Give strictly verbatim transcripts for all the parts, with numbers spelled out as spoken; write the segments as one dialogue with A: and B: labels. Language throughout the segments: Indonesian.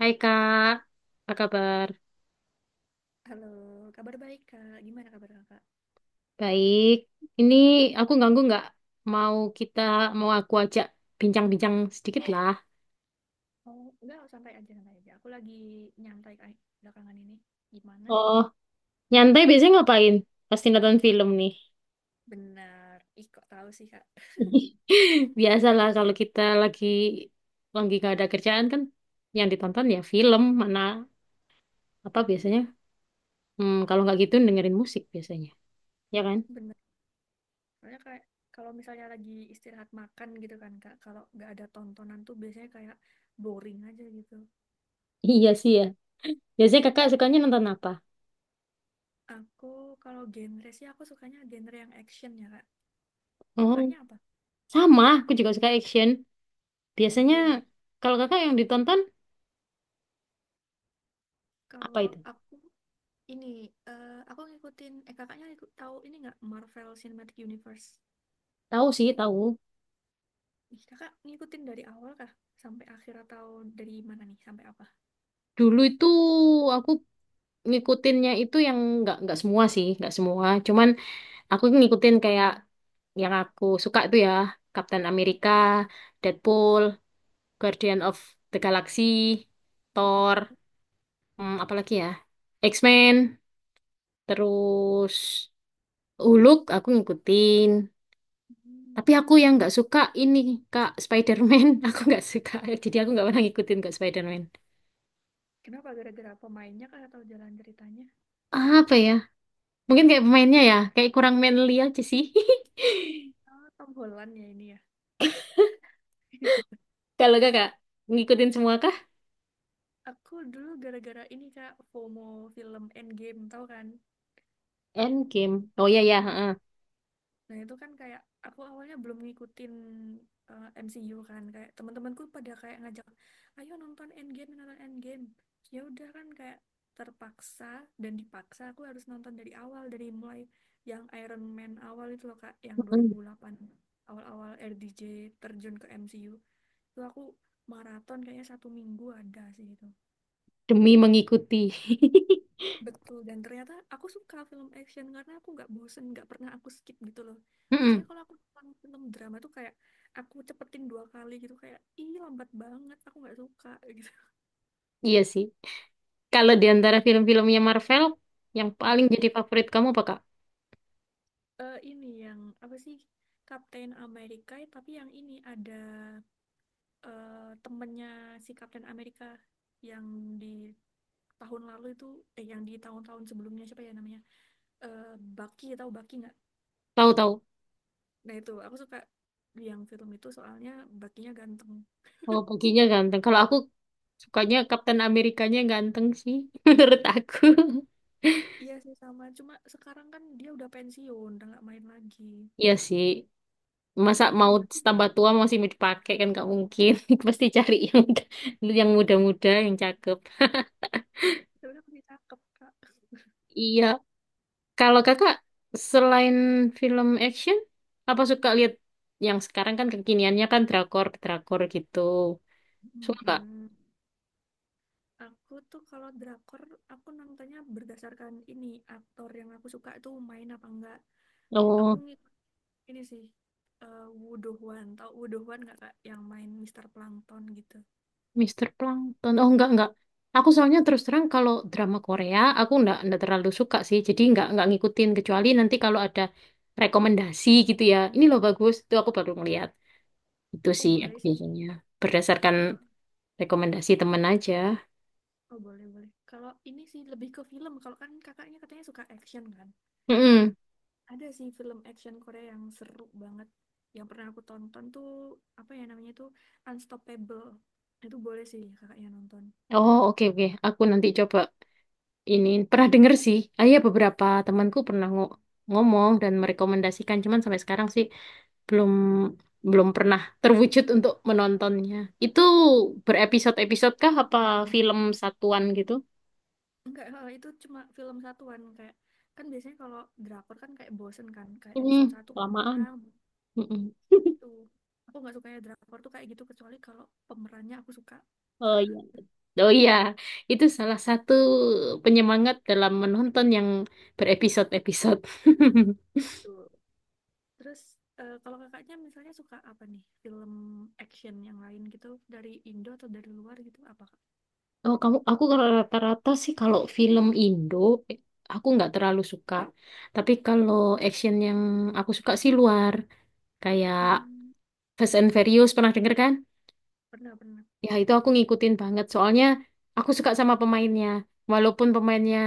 A: Hai Kak, apa kabar?
B: Halo, kabar baik Kak. Gimana kabar Kakak?
A: Baik. Ini aku ganggu nggak? Mau kita, mau aku ajak bincang-bincang sedikit lah.
B: Oh, enggak, santai aja, santai aja. Aku lagi nyantai kayak belakangan ini. Gimana?
A: Oh, nyantai biasanya ngapain? Pasti nonton film nih.
B: Benar. Ih, kok tahu sih Kak?
A: Biasalah kalau kita lagi lagi gak ada kerjaan kan, yang ditonton ya film mana apa biasanya? Hmm, kalau nggak gitu dengerin musik biasanya, ya kan?
B: Benar. Soalnya kayak kalau misalnya lagi istirahat makan gitu kan Kak, kalau nggak ada tontonan tuh biasanya kayak boring aja gitu.
A: Iya sih ya. Biasanya kakak sukanya nonton apa?
B: Aku kalau genre sih aku sukanya genre yang action ya Kak. Kalau
A: Oh,
B: kakaknya apa?
A: sama. Aku juga suka action. Biasanya
B: Woi,
A: kalau kakak yang ditonton apa
B: kalau
A: itu?
B: aku ini eh, aku ngikutin eh kakaknya ikut tahu ini nggak Marvel Cinematic Universe?
A: Tahu sih, tahu.
B: Nih, kakak ngikutin dari awal kah? Sampai akhir atau dari mana nih? Sampai apa?
A: Dulu itu aku ngikutinnya itu yang nggak nggak semua sih, nggak semua. Cuman aku ngikutin kayak yang aku suka itu ya, Captain America, Deadpool, Guardian of the Galaxy, Thor,
B: Oh,
A: hmm, apalagi ya, X-Men, terus Hulk aku ngikutin.
B: hmm.
A: Tapi aku yang nggak suka ini Kak Spider-Man, aku nggak suka. Jadi aku nggak pernah ngikutin Kak Spider-Man.
B: Kenapa? Gara-gara pemainnya kah atau jalan ceritanya?
A: Apa ya? Mungkin kayak pemainnya ya, kayak kurang manly aja sih.
B: Oh, Tom Holland ya ini ya.
A: Kalau kakak ngikutin semua kah?
B: Aku dulu gara-gara ini kak, FOMO film Endgame, tau kan?
A: Endgame. Oh iya ya, heeh.
B: Nah, itu kan kayak aku awalnya belum ngikutin eh, M C U kan kayak teman-temanku pada kayak ngajak, "Ayo nonton Endgame, nonton Endgame." Ya udah kan kayak terpaksa dan dipaksa aku harus nonton dari awal dari mulai yang Iron Man awal itu loh Kak, yang
A: Heeh.
B: dua ribu delapan awal-awal R D J terjun ke M C U. Itu aku maraton kayaknya satu minggu ada sih itu.
A: Demi mengikuti.
B: Betul, dan ternyata aku suka film action karena aku nggak bosen, nggak pernah aku skip gitu loh.
A: Heeh.
B: Biasanya kalau aku nonton film drama tuh kayak aku cepetin dua kali gitu, kayak ih lambat banget, aku nggak suka gitu.
A: Iya sih. Kalau di antara film-filmnya Marvel, yang paling
B: Mhm.
A: jadi favorit kamu apa, Kak?
B: Eh, ini yang apa sih Captain America, ya, tapi yang ini ada eh, temennya si Captain America yang di tahun lalu itu, eh yang di tahun-tahun sebelumnya siapa ya namanya? Eh Bucky, tahu Bucky nggak?
A: Tahu-tahu.
B: Nah itu aku suka yang film itu soalnya bucky ganteng.
A: Oh, baginya ganteng. Kalau aku sukanya Kapten Amerikanya ganteng sih, menurut aku.
B: Iya sih sama, cuma sekarang kan dia udah pensiun, udah nggak main lagi.
A: Iya sih. Masa
B: Tapi
A: mau
B: berarti
A: tambah tua
B: masih-
A: masih mau dipakai kan nggak mungkin. Pasti cari yang yang muda-muda, yang cakep.
B: sebenarnya masih cakep, Kak.
A: Iya, kalau kakak selain film action, apa suka lihat yang sekarang kan kekiniannya kan drakor, drakor gitu. Suka nggak?
B: Mm-mm. Aku tuh kalau drakor, aku nontonnya berdasarkan ini, aktor yang aku suka itu main apa enggak. Aku
A: Oh,
B: ngikut ini sih, eh Woo Do Hwan. Tau Woo Do Hwan nggak, Kak? Yang main Mister Plankton gitu.
A: Mister Plankton. Oh, enggak, enggak. Aku soalnya terus terang kalau drama Korea, aku enggak, enggak terlalu suka sih. Jadi enggak, enggak ngikutin. Kecuali nanti kalau ada rekomendasi gitu ya. Ini loh bagus, itu aku baru ngeliat. Itu
B: Oh
A: sih aku
B: boleh sih.
A: biasanya. Berdasarkan
B: Oh,
A: rekomendasi temen aja.
B: oh boleh, boleh. Kalau ini sih lebih ke film, kalau kan kakaknya katanya suka action kan?
A: Mm-mm.
B: Ada sih film action Korea yang seru banget. Yang pernah aku tonton tuh apa ya namanya tuh Unstoppable. Itu boleh sih kakaknya nonton.
A: Oh, oke, oke. Aku nanti coba ini pernah denger sih. Ah, iya beberapa temanku pernah ngo- ngomong dan merekomendasikan, cuman sampai sekarang sih belum belum pernah terwujud untuk menontonnya. Itu berepisode-episode kah apa film satuan gitu?
B: Enggak, eh, itu cuma film satuan kayak kan biasanya kalau drakor kan kayak bosen kan kayak
A: Hmm,
B: episode satu
A: Lamaan.
B: panjang gitu.
A: Mm-mm.
B: Aku nggak suka ya drakor tuh kayak gitu kecuali kalau pemerannya aku suka.
A: Oh iya. Oh iya, itu salah satu penyemangat dalam menonton yang berepisode-episode.
B: Betul. Terus eh, kalau kakaknya misalnya suka apa nih film action yang lain gitu dari Indo atau dari luar gitu apa kak?
A: Oh, kamu aku kalau rata-rata sih kalau film Indo eh, aku nggak terlalu suka. Tapi kalau action yang aku suka sih luar kayak
B: Hmm,
A: Fast and Furious pernah denger kan?
B: pernah pernah.
A: Ya itu aku ngikutin banget soalnya aku suka sama pemainnya. Walaupun pemainnya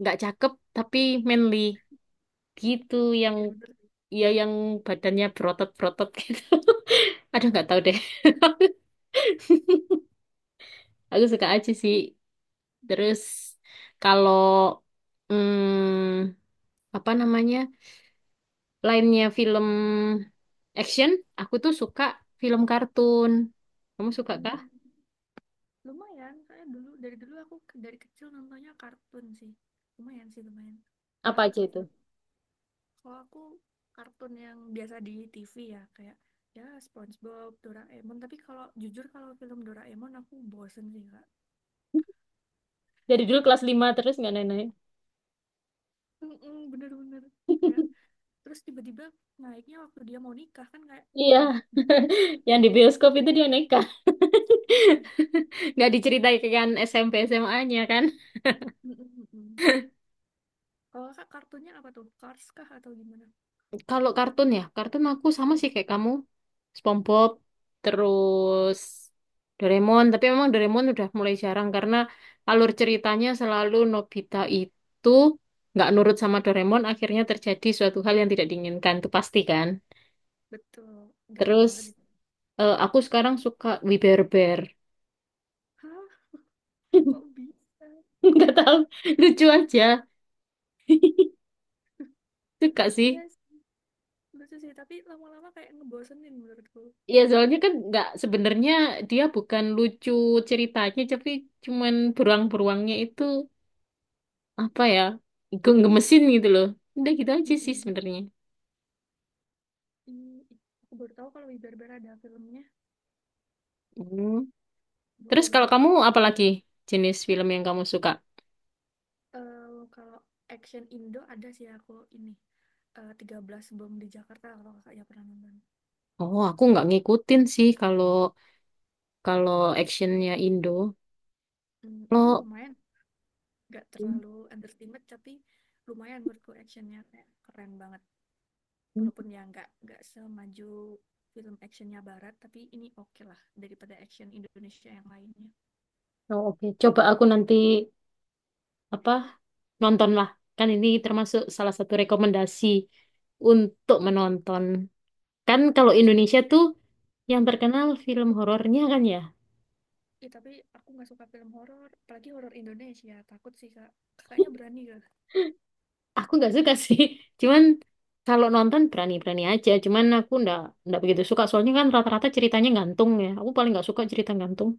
A: nggak cakep tapi manly gitu
B: Iya
A: yang
B: sih bener.
A: ya yang badannya berotot-berotot gitu. Aduh nggak tahu
B: Bener-bener
A: deh. Aku suka aja
B: kayak
A: sih. Terus kalau hmm, apa namanya? Lainnya film action, aku tuh suka film kartun. Kamu suka kah?
B: hmm, lumayan karena dulu dari dulu aku ke- dari kecil nontonnya kartun sih lumayan sih lumayan
A: Apa
B: apa
A: aja
B: tuh
A: itu?
B: film kalau aku kartun yang biasa di T V ya kayak ya SpongeBob Doraemon tapi kalau jujur kalau film Doraemon aku bosen sih kak.
A: Dari dulu kelas lima terus nggak naik-naik.
B: Mm-mm, bener-bener kayak terus tiba-tiba naiknya waktu dia mau nikah kan kayak
A: Iya,
B: wih gila banget.
A: yang di bioskop itu dia nekat.
B: Mm-mm.
A: Nggak diceritain kan S M P SMA-nya kan?
B: Mm-mm, kalau kak kartunya apa tuh Cars kah atau gimana.
A: Kalau kartun ya, kartun aku sama sih kayak kamu. SpongeBob, terus Doraemon. Tapi memang Doraemon udah mulai jarang karena alur ceritanya selalu Nobita itu nggak nurut sama Doraemon, akhirnya terjadi suatu hal yang tidak diinginkan, itu pasti kan.
B: Betul, gampang
A: Terus
B: banget itu.
A: eh, aku sekarang suka We Bare Bear.
B: Hah, kok bisa?
A: Nggak tahu, lucu aja. Suka sih.
B: Yes, lucu sih, tapi lama-lama kayak ngebosenin menurutku.
A: Ya soalnya kan nggak sebenarnya dia bukan lucu ceritanya, tapi cuman beruang-beruangnya itu apa ya ge- gemesin gitu loh, udah gitu aja sih
B: Mm-mm.
A: sebenarnya.
B: Ini aku baru tahu kalau Wibarbar ada filmnya.
A: Hmm. Terus kalau
B: Boleh-boleh
A: kamu
B: aku.
A: apa lagi jenis film yang kamu suka?
B: Eh, kalau action Indo ada sih aku ini. eh, tiga belas Bom di Jakarta kalau kakaknya pernah nonton.
A: Oh, aku nggak ngikutin sih kalau kalau actionnya Indo
B: Hmm, itu
A: kalau.
B: lumayan, gak terlalu entertainment tapi lumayan menurutku actionnya kayak keren banget. Walaupun ya nggak nggak semaju film actionnya barat tapi ini oke okay lah daripada action Indonesia yang lainnya.
A: Oh, oke, coba aku nanti apa nonton lah, kan ini termasuk salah satu rekomendasi untuk menonton. Kan kalau
B: Terus
A: Indonesia
B: ada
A: tuh yang
B: mm,
A: terkenal film horornya, kan ya?
B: ya, tapi aku nggak suka film horor apalagi horor Indonesia takut sih kak kakaknya berani gak.
A: Aku nggak suka sih, cuman kalau nonton berani-berani aja. Cuman aku nggak nggak begitu suka, soalnya kan rata-rata ceritanya gantung. Ya, aku paling nggak suka cerita gantung.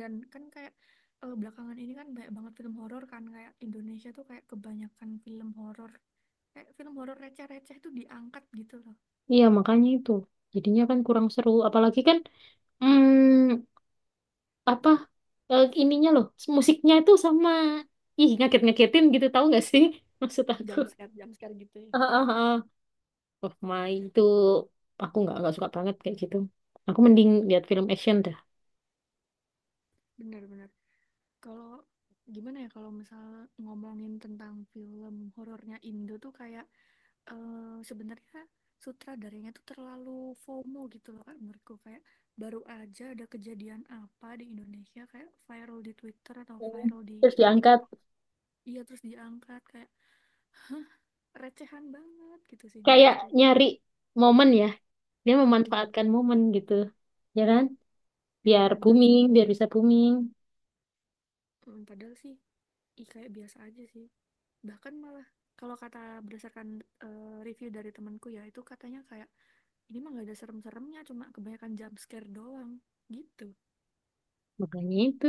B: Dan kan kayak eh, belakangan ini kan banyak banget film horor kan kayak Indonesia tuh kayak kebanyakan film horor kayak film horor receh-receh tuh diangkat gitu loh.
A: Iya, makanya itu jadinya kan kurang seru. Apalagi kan hmm, apa eh, ininya loh, musiknya itu sama ih ngaget-ngagetin gitu, tahu nggak sih? Maksud aku.
B: Jump scare jump scare gitu ya.
A: Ah, ah, ah. Oh my, itu aku nggak nggak suka banget kayak gitu. Aku mending lihat film action dah.
B: Bener-bener kalau gimana ya kalau misal ngomongin tentang film horornya Indo tuh kayak eh, sebenarnya sutradaranya tuh terlalu FOMO gitu loh kak menurutku kayak baru aja ada kejadian apa di Indonesia kayak viral di Twitter atau
A: Hmm.
B: viral di
A: Terus diangkat
B: TikTok. Iya terus diangkat kayak recehan banget gitu sih
A: kayak
B: menurutku.
A: nyari momen ya, dia
B: Mm-mm,
A: memanfaatkan momen gitu. Ya kan? Biar
B: bener-bener.
A: booming, biar bisa booming.
B: Mm, padahal sih ih, kayak biasa aja sih bahkan malah kalau kata berdasarkan eh, review dari temanku ya itu katanya kayak ini mah gak ada serem-seremnya cuma kebanyakan jump scare doang gitu.
A: Makanya itu.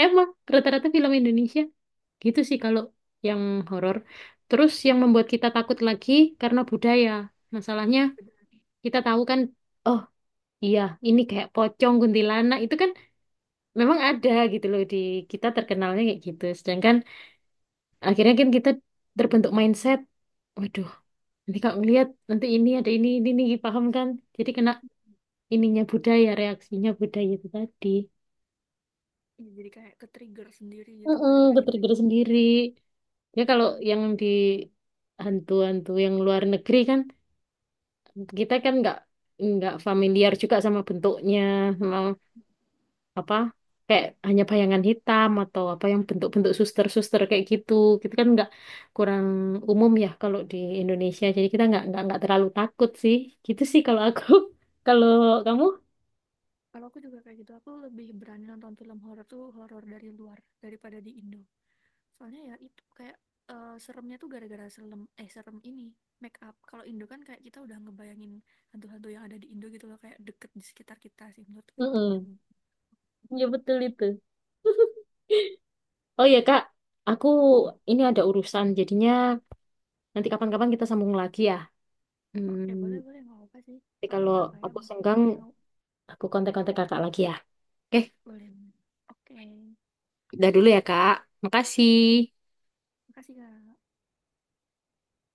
A: Emang rata-rata film Indonesia gitu sih kalau yang horor. Terus yang membuat kita takut lagi karena budaya. Masalahnya kita tahu kan, oh iya ini kayak pocong kuntilanak itu kan memang ada gitu loh di kita, terkenalnya kayak gitu. Sedangkan akhirnya kan kita terbentuk mindset, waduh nanti kalau ngeliat nanti ini ada ini ini, ini paham kan? Jadi kena ininya budaya, reaksinya budaya itu tadi.
B: Iya, jadi kayak ke trigger sendiri gitu
A: Mm-mm,
B: gara-gara kita.
A: geter-geter sendiri. Ya kalau
B: Mm-mm.
A: yang di hantu-hantu yang luar negeri kan kita kan nggak nggak familiar juga sama bentuknya, sama apa kayak hanya bayangan hitam atau apa yang bentuk-bentuk suster-suster kayak gitu. Kita kan nggak kurang umum ya kalau di Indonesia. Jadi kita nggak nggak nggak terlalu takut sih. Gitu sih kalau aku. Kalau kamu?
B: Kalau aku juga kayak gitu aku lebih berani nonton film horor tuh horor dari luar daripada di Indo soalnya ya itu kayak eh, seremnya tuh gara-gara serem eh serem ini make up kalau Indo kan kayak kita udah ngebayangin hantu-hantu yang ada di Indo gitu loh kayak deket di sekitar kita sih menurutku itu yang.
A: Mm-mm. Ya betul itu. Oh iya Kak, aku
B: Mm-mm.
A: ini ada urusan, jadinya nanti kapan-kapan kita sambung lagi ya.
B: Oke boleh
A: Hmm,
B: boleh nggak apa sih
A: Nanti
B: aku
A: kalau
B: juga kayak
A: aku senggang,
B: mau.
A: aku kontak-kontak Kakak
B: Mm-mm.
A: lagi ya. Oke,
B: Boleh boleh. Oke.
A: udah dulu ya Kak. Makasih.
B: Iya. Makasih, Kak.